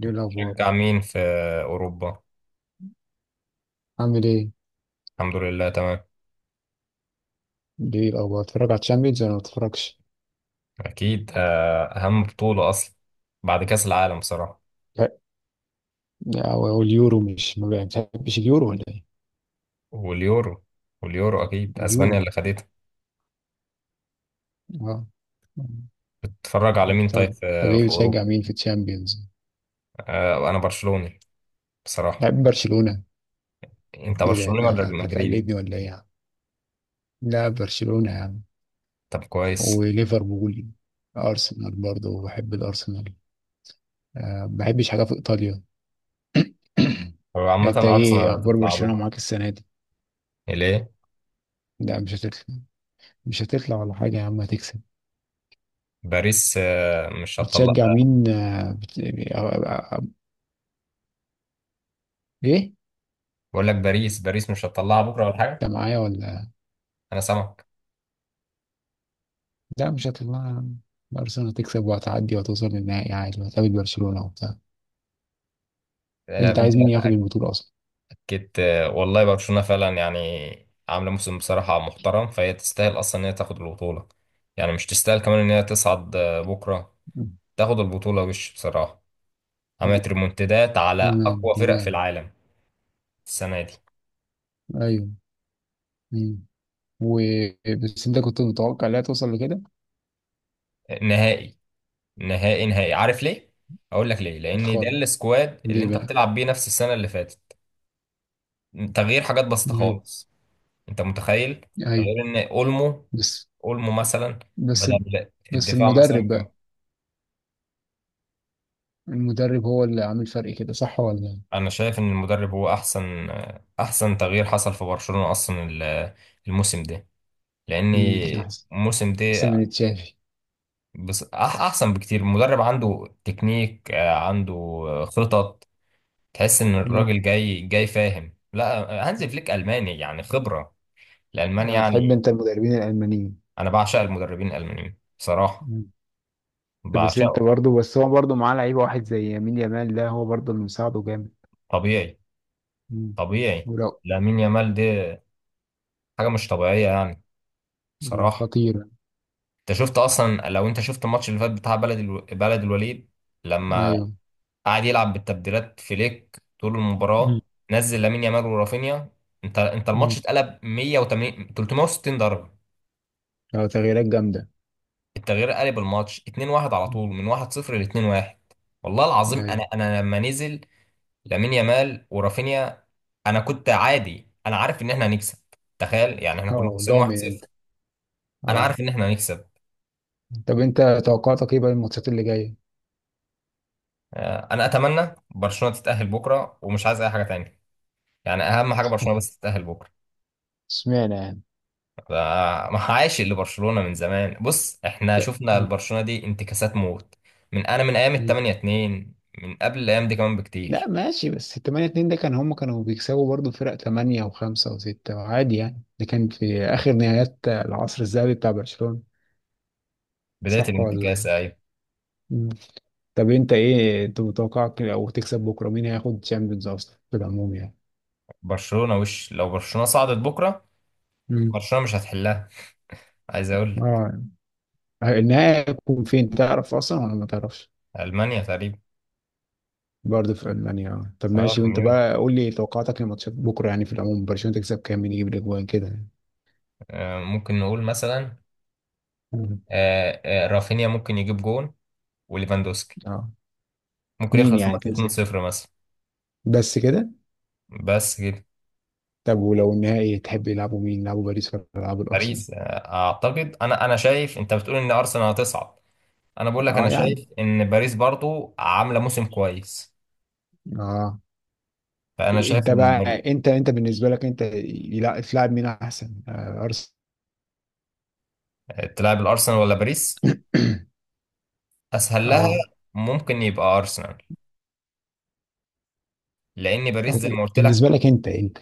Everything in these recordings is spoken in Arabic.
دي الأخبار شجع مين في أوروبا؟ عامل إيه؟ الحمد لله تمام. دي الأخبار بتتفرج على الشامبيونز ولا ما بتتفرجش؟ أكيد أهم بطولة أصلا بعد كأس العالم بصراحة. لا. أو اليورو، مش ما بتحبش اليورو ولا إيه؟ واليورو واليورو أكيد أسبانيا اليورو. اللي خدتها. أه. بتتفرج على مين طيب طب طب في إيه في بتشجع أوروبا؟ مين في الشامبيونز؟ أنا برشلوني بصراحة. بحب برشلونة. أنت إيه ده؟ برشلوني ده مش ولا عارف مدريدي؟ هتقلدني ولا إيه يا عم؟ لا برشلونة يا عم. طب كويس. وليفربول. أرسنال برضه بحب الأرسنال. أه ما بحبش حاجة في إيطاليا. هو عامة انت أرسنال ايه اخبار هتطلع برشلونة بكرة، معاك السنة دي؟ ليه؟ لا مش هتطلع. مش هتطلع ولا حاجة يا عم، هتكسب. باريس مش هتطلع. بتشجع مين آه، بت... أو... أو... أو... ايه؟ بقول لك باريس مش هتطلعها بكرة ولا حاجة؟ انت معايا ولا؟ أنا سامعك. لا مش هتطلع. ارسنال هتكسب وهتعدي وهتوصل للنهائي عادي، وهتقابل برشلونة وبتاع. انت أنت عايز مين ياخد البطولة اصلا؟ كنت، والله برشلونة فعلا يعني عاملة موسم بصراحة محترم، فهي تستاهل أصلا إن هي تاخد البطولة. يعني مش تستاهل كمان إن هي تصعد بكرة مم. تاخد البطولة وش بصراحة. عملت ريمونتادات على تمام أقوى فرق في تمام. العالم السنة دي. ايوه. مم. و بس انت كنت متوقع لا توصل لكده؟ نهائي نهائي، عارف ليه؟ أقول لك ليه، لأن ده خالص. السكواد اللي ليه أنت بقى؟ بتلعب بيه نفس السنة اللي فاتت. تغيير حاجات بسيطة مم. خالص. أنت متخيل؟ ايوه. غير إن أولمو بس أولمو مثلا بس بدل بس الدفاع مثلا. المدرب بقى. المدرب هو اللي عامل فرق كده، صح ولا؟ انا شايف ان المدرب هو احسن تغيير حصل في برشلونة اصلا، الموسم ده لان مم. احسن. الموسم احسن ده. من تشافي. بس احسن بكتير المدرب، عنده تكنيك، عنده خطط. تحس ان مم. الراجل جاي جاي فاهم، لا. هانز فليك الماني يعني خبرة، الالماني آه، بتحب يعني. انت المدربين الالمانيين. انا بعشق المدربين الالمانيين بصراحة، مم. بس انت بعشقه. برضه، بس هو برضه معاه لعيب واحد زي يمين يامال، ده هو برضه اللي مساعده جامد. طبيعي، مم. طبيعي. ولو. لامين يامال ده حاجة مش طبيعية يعني مم. بصراحة. خطير. انت شفت اصلا، لو انت شفت الماتش اللي فات بتاع بلد الوليد، لما ايوه. قعد يلعب بالتبديلات فليك طول مم. المباراه. نزل لامين يامال ورافينيا. انت الماتش مم. اتقلب 180 360 درجه. اه تغييرات جامدة. التغيير قلب الماتش 2-1 على طول مم. من 1-0 ل 2-1. والله العظيم انا ايوه. انا لما نزل لامين يامال ورافينيا، انا كنت عادي، انا عارف ان احنا هنكسب. تخيل يعني احنا كنا اه خسرانين ضامن انت. 1-0. انا اه. عارف ان احنا هنكسب. طب انت توقعاتك ايه بقى الماتشات اللي جاية؟ انا اتمنى برشلونه تتاهل بكره ومش عايز اي حاجه تانية. يعني اهم حاجه برشلونه بس تتاهل بكره. اشمعنى يعني؟ ده- ما عايش لبرشلونه من زمان. بص احنا شفنا مم. البرشلونه دي انتكاسات موت من ايام ال مم. 8 2، من قبل الايام دي كمان لا بكتير. ماشي، بس 8-2 ده كان هم كانوا بيكسبوا برضه فرق 8 و5 و6 عادي يعني، ده كان في اخر نهايات العصر الذهبي بتاع برشلونة. بدايه صح ولا؟ الانتكاسه، ايوه. طب انت ايه، انت متوقعك لو تكسب بكره مين هياخد الشامبيونز اصلا في العموم يعني؟ برشلونه وش، لو برشلونه صعدت بكره امم. برشلونه مش هتحلها، عايز اقول لك. اه. النهائي هيكون فين، تعرف اصلا ولا ما تعرفش؟ المانيا تقريبا. برضه في المانيا اه. طب اه ماشي، وانت كوميون. بقى قول لي توقعاتك لماتشات بكره يعني في العموم، برشلونه تكسب كام، مين يجيب الاجوان كده يعني. ممكن نقول مثلا، مم. رافينيا ممكن يجيب جون وليفاندوسكي اه. ممكن اتنين يخلص يعني الماتش تنسي. 2-0 مثلا، بس كده. بس كده. طب ولو النهائي تحب يلعبوا مين، يلعبوا باريس ولا يلعبوا الارسنال؟ باريس اعتقد، انا انا شايف انت بتقول ان ارسنال هتصعد. انا بقول لك انا اه يعني. شايف ان باريس برضو عامله موسم كويس. اه. فانا شايف انت ان بقى، انت بالنسبه لك انت تلعب مين احسن، آه ارسنال؟ تلعب الارسنال ولا باريس اسهل لها. اه. ممكن يبقى ارسنال لان باريس زي ما قلت بالنسبة لك. لك أنت أنت.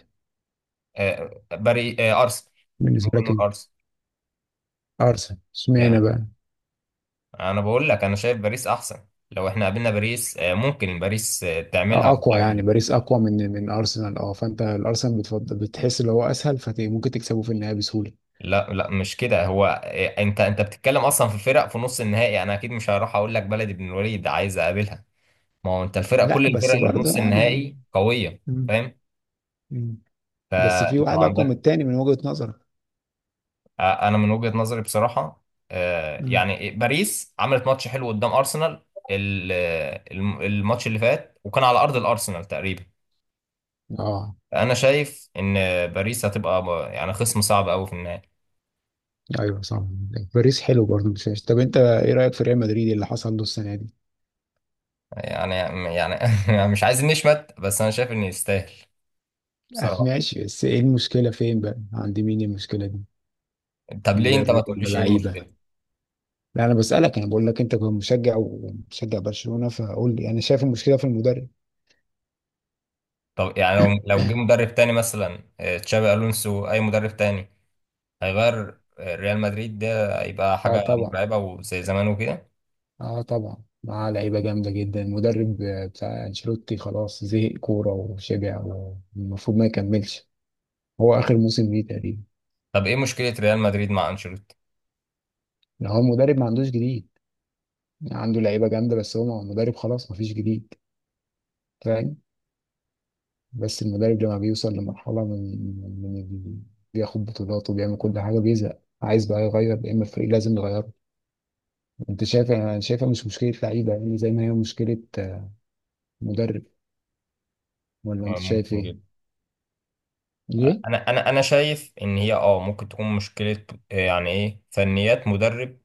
آه، باري آه، ارسنال. بالنسبة ممكن لك نقول أنت. ارسنال أرسنال اشمعنى يعني. بقى؟ انا بقول لك انا شايف باريس احسن، لو احنا قابلنا باريس ممكن باريس تعملها آه، ولا أقوى يعني حاجه. باريس أقوى من أرسنال، أه فأنت الأرسنال بتفضل، بتحس اللي هو أسهل فممكن تكسبه في النهاية بسهولة. لا لا مش كده، هو انت بتتكلم اصلا في فرق في نص النهائي، انا اكيد مش هروح اقول لك بلدي بن الوليد عايز اقابلها. ما هو انت الفرق، كل لا الفرق بس اللي في برضه نص يعني. النهائي قويه، مم. فاهم. مم. بس في فانت ما واحد أقوى من عندك. التاني من وجهة نظرك. انا من وجهه نظري بصراحه، مم. يعني باريس عملت ماتش حلو قدام ارسنال، الماتش اللي فات وكان على ارض الارسنال تقريبا. أه. انا شايف ان باريس هتبقى يعني خصم صعب قوي في النهائي. أيوه صح. باريس حلو برضه، مش وحش. طب أنت إيه رأيك في ريال مدريد اللي حصل له السنة دي؟ يعني يعني مش عايز نشمت بس انا شايف ان يستاهل بصراحه. ماشي، بس إيه المشكلة فين بقى؟ عند مين المشكلة دي؟ طب ليه انت ما المدرب ولا تقوليش ايه لعيبة؟ المشكله؟ لا انا بسألك، انا بقول لك انت كنت مشجع ومشجع برشلونة، فقول لي، انا شايف المشكلة في المدرب. طب يعني لو جه مدرب تاني مثلا، تشابي الونسو اي مدرب تاني، هيغير ريال مدريد، ده هيبقى اه حاجه طبعا. مرعبه وزي زمان وكده. اه طبعا معاه لعيبة جامدة جدا، المدرب بتاع انشيلوتي خلاص زهق كورة وشبع، والمفروض ما يكملش. هو اخر موسم ليه تقريبا. طب ايه مشكله ريال مدريد مع انشيلوتي؟ لو هو المدرب ما عندوش جديد، عنده لعيبة جامدة بس هو المدرب خلاص ما فيش جديد، فاهم؟ بس المدرب لما بيوصل لمرحلة من من من- بياخد بطولات وبيعمل كل حاجة بيزهق، عايز بقى يغير، يا اما الفريق لازم يغيره. انت شايف؟ انا شايفها مش مشكله لعيبه يعني، زي ما هي مشكله مدرب، ولا انت شايف ممكن ايه؟ جدا. ليه؟ انا شايف ان هي اه ممكن تكون مشكله. يعني ايه فنيات مدرب.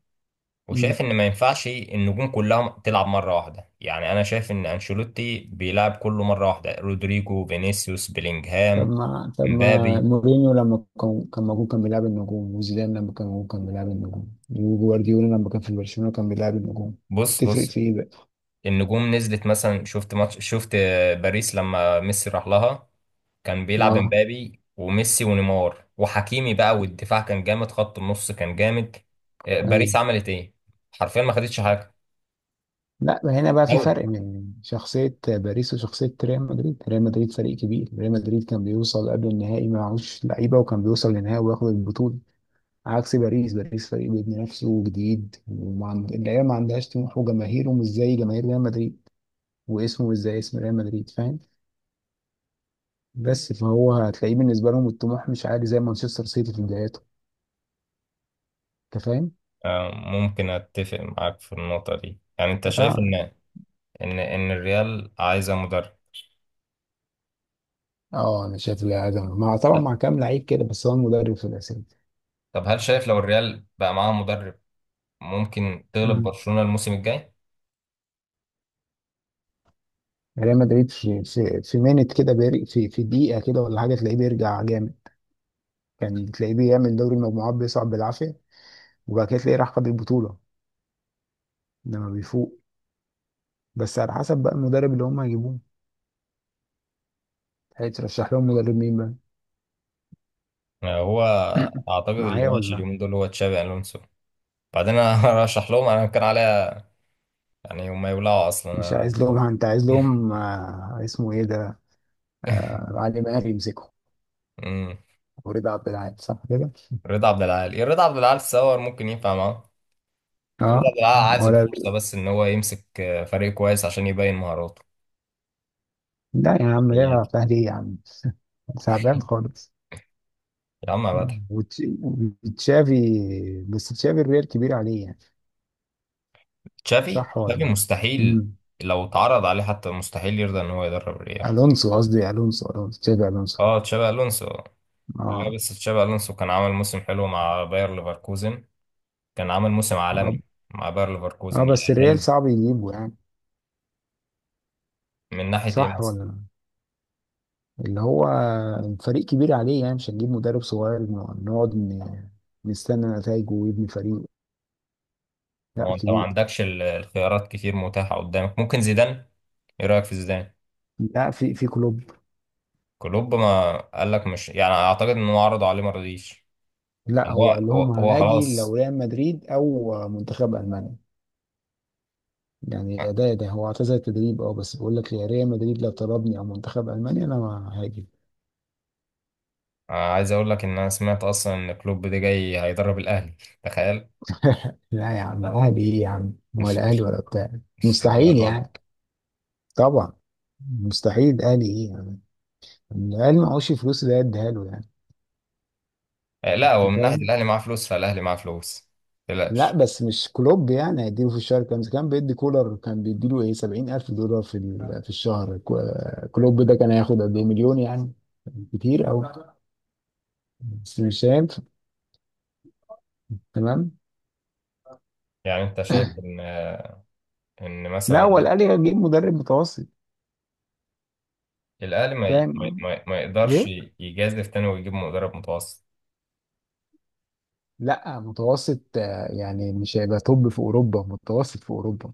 مم. وشايف ان ما ينفعش النجوم كلها تلعب مره واحده، يعني انا شايف ان انشيلوتي بيلعب كله مره واحده، رودريجو فينيسيوس طب بيلينجهام ما، مبابي. مورينيو لما كان موجود كان بيلعب النجوم، وزيدان لما كان موجود كان بيلعب النجوم، وجوارديولا لما كان في برشلونه كان بيلعب النجوم. بص تفرق بص، في ايه بقى؟ النجوم نزلت مثلا. شفت ماتش، شفت باريس لما ميسي راح لها، كان بيلعب اه. امبابي وميسي ونيمار وحكيمي بقى، والدفاع كان جامد، خط النص كان جامد. ايوه. باريس عملت ايه؟ حرفيا ما خدتش حاجة، لا هنا بقى في دوري. فرق من شخصيه باريس وشخصيه ريال مدريد، ريال مدريد فريق كبير، ريال مدريد كان بيوصل قبل النهائي معهوش لعيبه وكان بيوصل للنهائي وياخد البطوله، عكس باريس. باريس فريق بيبني نفسه وجديد وما عند... العيال ما عندهاش طموح، وجماهيره مش زي جماهير ريال مدريد، واسمه مش زي اسم ريال مدريد، فاهم؟ بس فهو هتلاقيه بالنسبه لهم الطموح مش عالي، زي مانشستر سيتي في بداياته. انت فاهم؟ ممكن اتفق معاك في النقطة دي. يعني انت شايف اه. ان الريال عايزة مدرب. اه انا شايف العزم مع، طبعا مع كام لعيب كده، بس هو المدرب في الاساس. طب هل شايف لو الريال بقى معاه مدرب ممكن تغلب مم. برشلونة الموسم الجاي؟ ريال مدريد في مينت كده، في دقيقه كده ولا حاجه تلاقيه بيرجع جامد. كان تلاقيه بيعمل دوري المجموعات بيصعد بالعافيه، وبعد كده تلاقيه راح خد البطوله لما بيفوق. بس على حسب بقى المدرب اللي هم هيجيبوه. هيترشح لهم مدرب مين بقى؟ هو اعتقد اللي معايا ماشي ولا؟ اليومين دول هو تشابي الونسو. بعدين انا ارشح لهم انا كان عليا، يعني هم يولعوا مش اصلا. عايز لهم، انت عايز لهم آه اسمه ايه ده، آه علي ماهر يمسكه أمم. ورضا عبد العال، صح كده؟ رضا عبد العال، رضا عبد العال تصور ممكن ينفع معاه. رضا اه. عبد العال عايز ولا. الفرصه بس ان هو يمسك فريق كويس عشان يبين مهاراته، لا يا عم، رضا فنياته. عبد العال ايه يا عم؟ تعبان خالص. يا عم يا فتحي. وتش- وتشافي. بس تشافي الريال كبير عليه يعني، تشافي صح ولا تشافي لا؟ مستحيل. مم. لو اتعرض عليه حتى مستحيل يرضى ان هو يدرب الريال. الونسو قصدي، الونسو، تشافي الونسو. اه تشابي الونسو. لا اه. بس تشابي الونسو كان عامل موسم حلو مع باير ليفركوزن، كان عامل موسم اه. عالمي مع باير آه، ليفركوزن بس الريال يأهله. صعب يجيبه يعني، من ناحيه ايه؟ صح ولا لا؟ اللي هو فريق كبير عليه يعني، مش هنجيب مدرب صغير نقعد نستنى نتائجه ويبني فريق، لا هو انت ما كبير. عندكش الخيارات كتير متاحة قدامك، ممكن زيدان. ايه رأيك في زيدان؟ لا في كلوب. كلوب ما قال لك مش يعني، اعتقد انه عرض عليه ما رضيش. لا يعني هو قال لهم هو هاجي لو خلاص. ريال مدريد او منتخب المانيا، يعني ده هو اعتزل التدريب اه، بس بيقول لك يا ريال مدريد لو طلبني او منتخب المانيا انا ما هاجي. أنا عايز اقول لك ان انا سمعت اصلا ان كلوب ده جاي هيدرب الاهلي، تخيل. لا يا عم، اهلي ايه يا عم، مش ولا اهلي مش ولا بتاع. مش مستحيل للدرجة دي. يعني. طبعا. مستحيل، اهلي ايه يعني. الاهلي معهوش فلوس اللي هي اديها له يعني. لا انت هو من ناحية فاهم؟ الاهلي معاه فلوس، فالاهلي معاه فلوس، لا متقلقش. بس مش كلوب، يعني هيديله في الشهر كام، كان بيدي كولر، كان بيديله ايه $70,000 في الشهر، كلوب ده كان هياخد قد ايه، مليون يعني. كتير أوي. بس مش هينفع. تمام. يعني انت شايف ان ان لا هو مثلا الأهلي هيجيب مدرب متوسط. الاهلي فاهم. اه. ما يقدرش ايه. يجازف تاني ويجيب مدرب متوسط. لا متوسط، يعني مش هيبقى توب في اوروبا، متوسط في اوروبا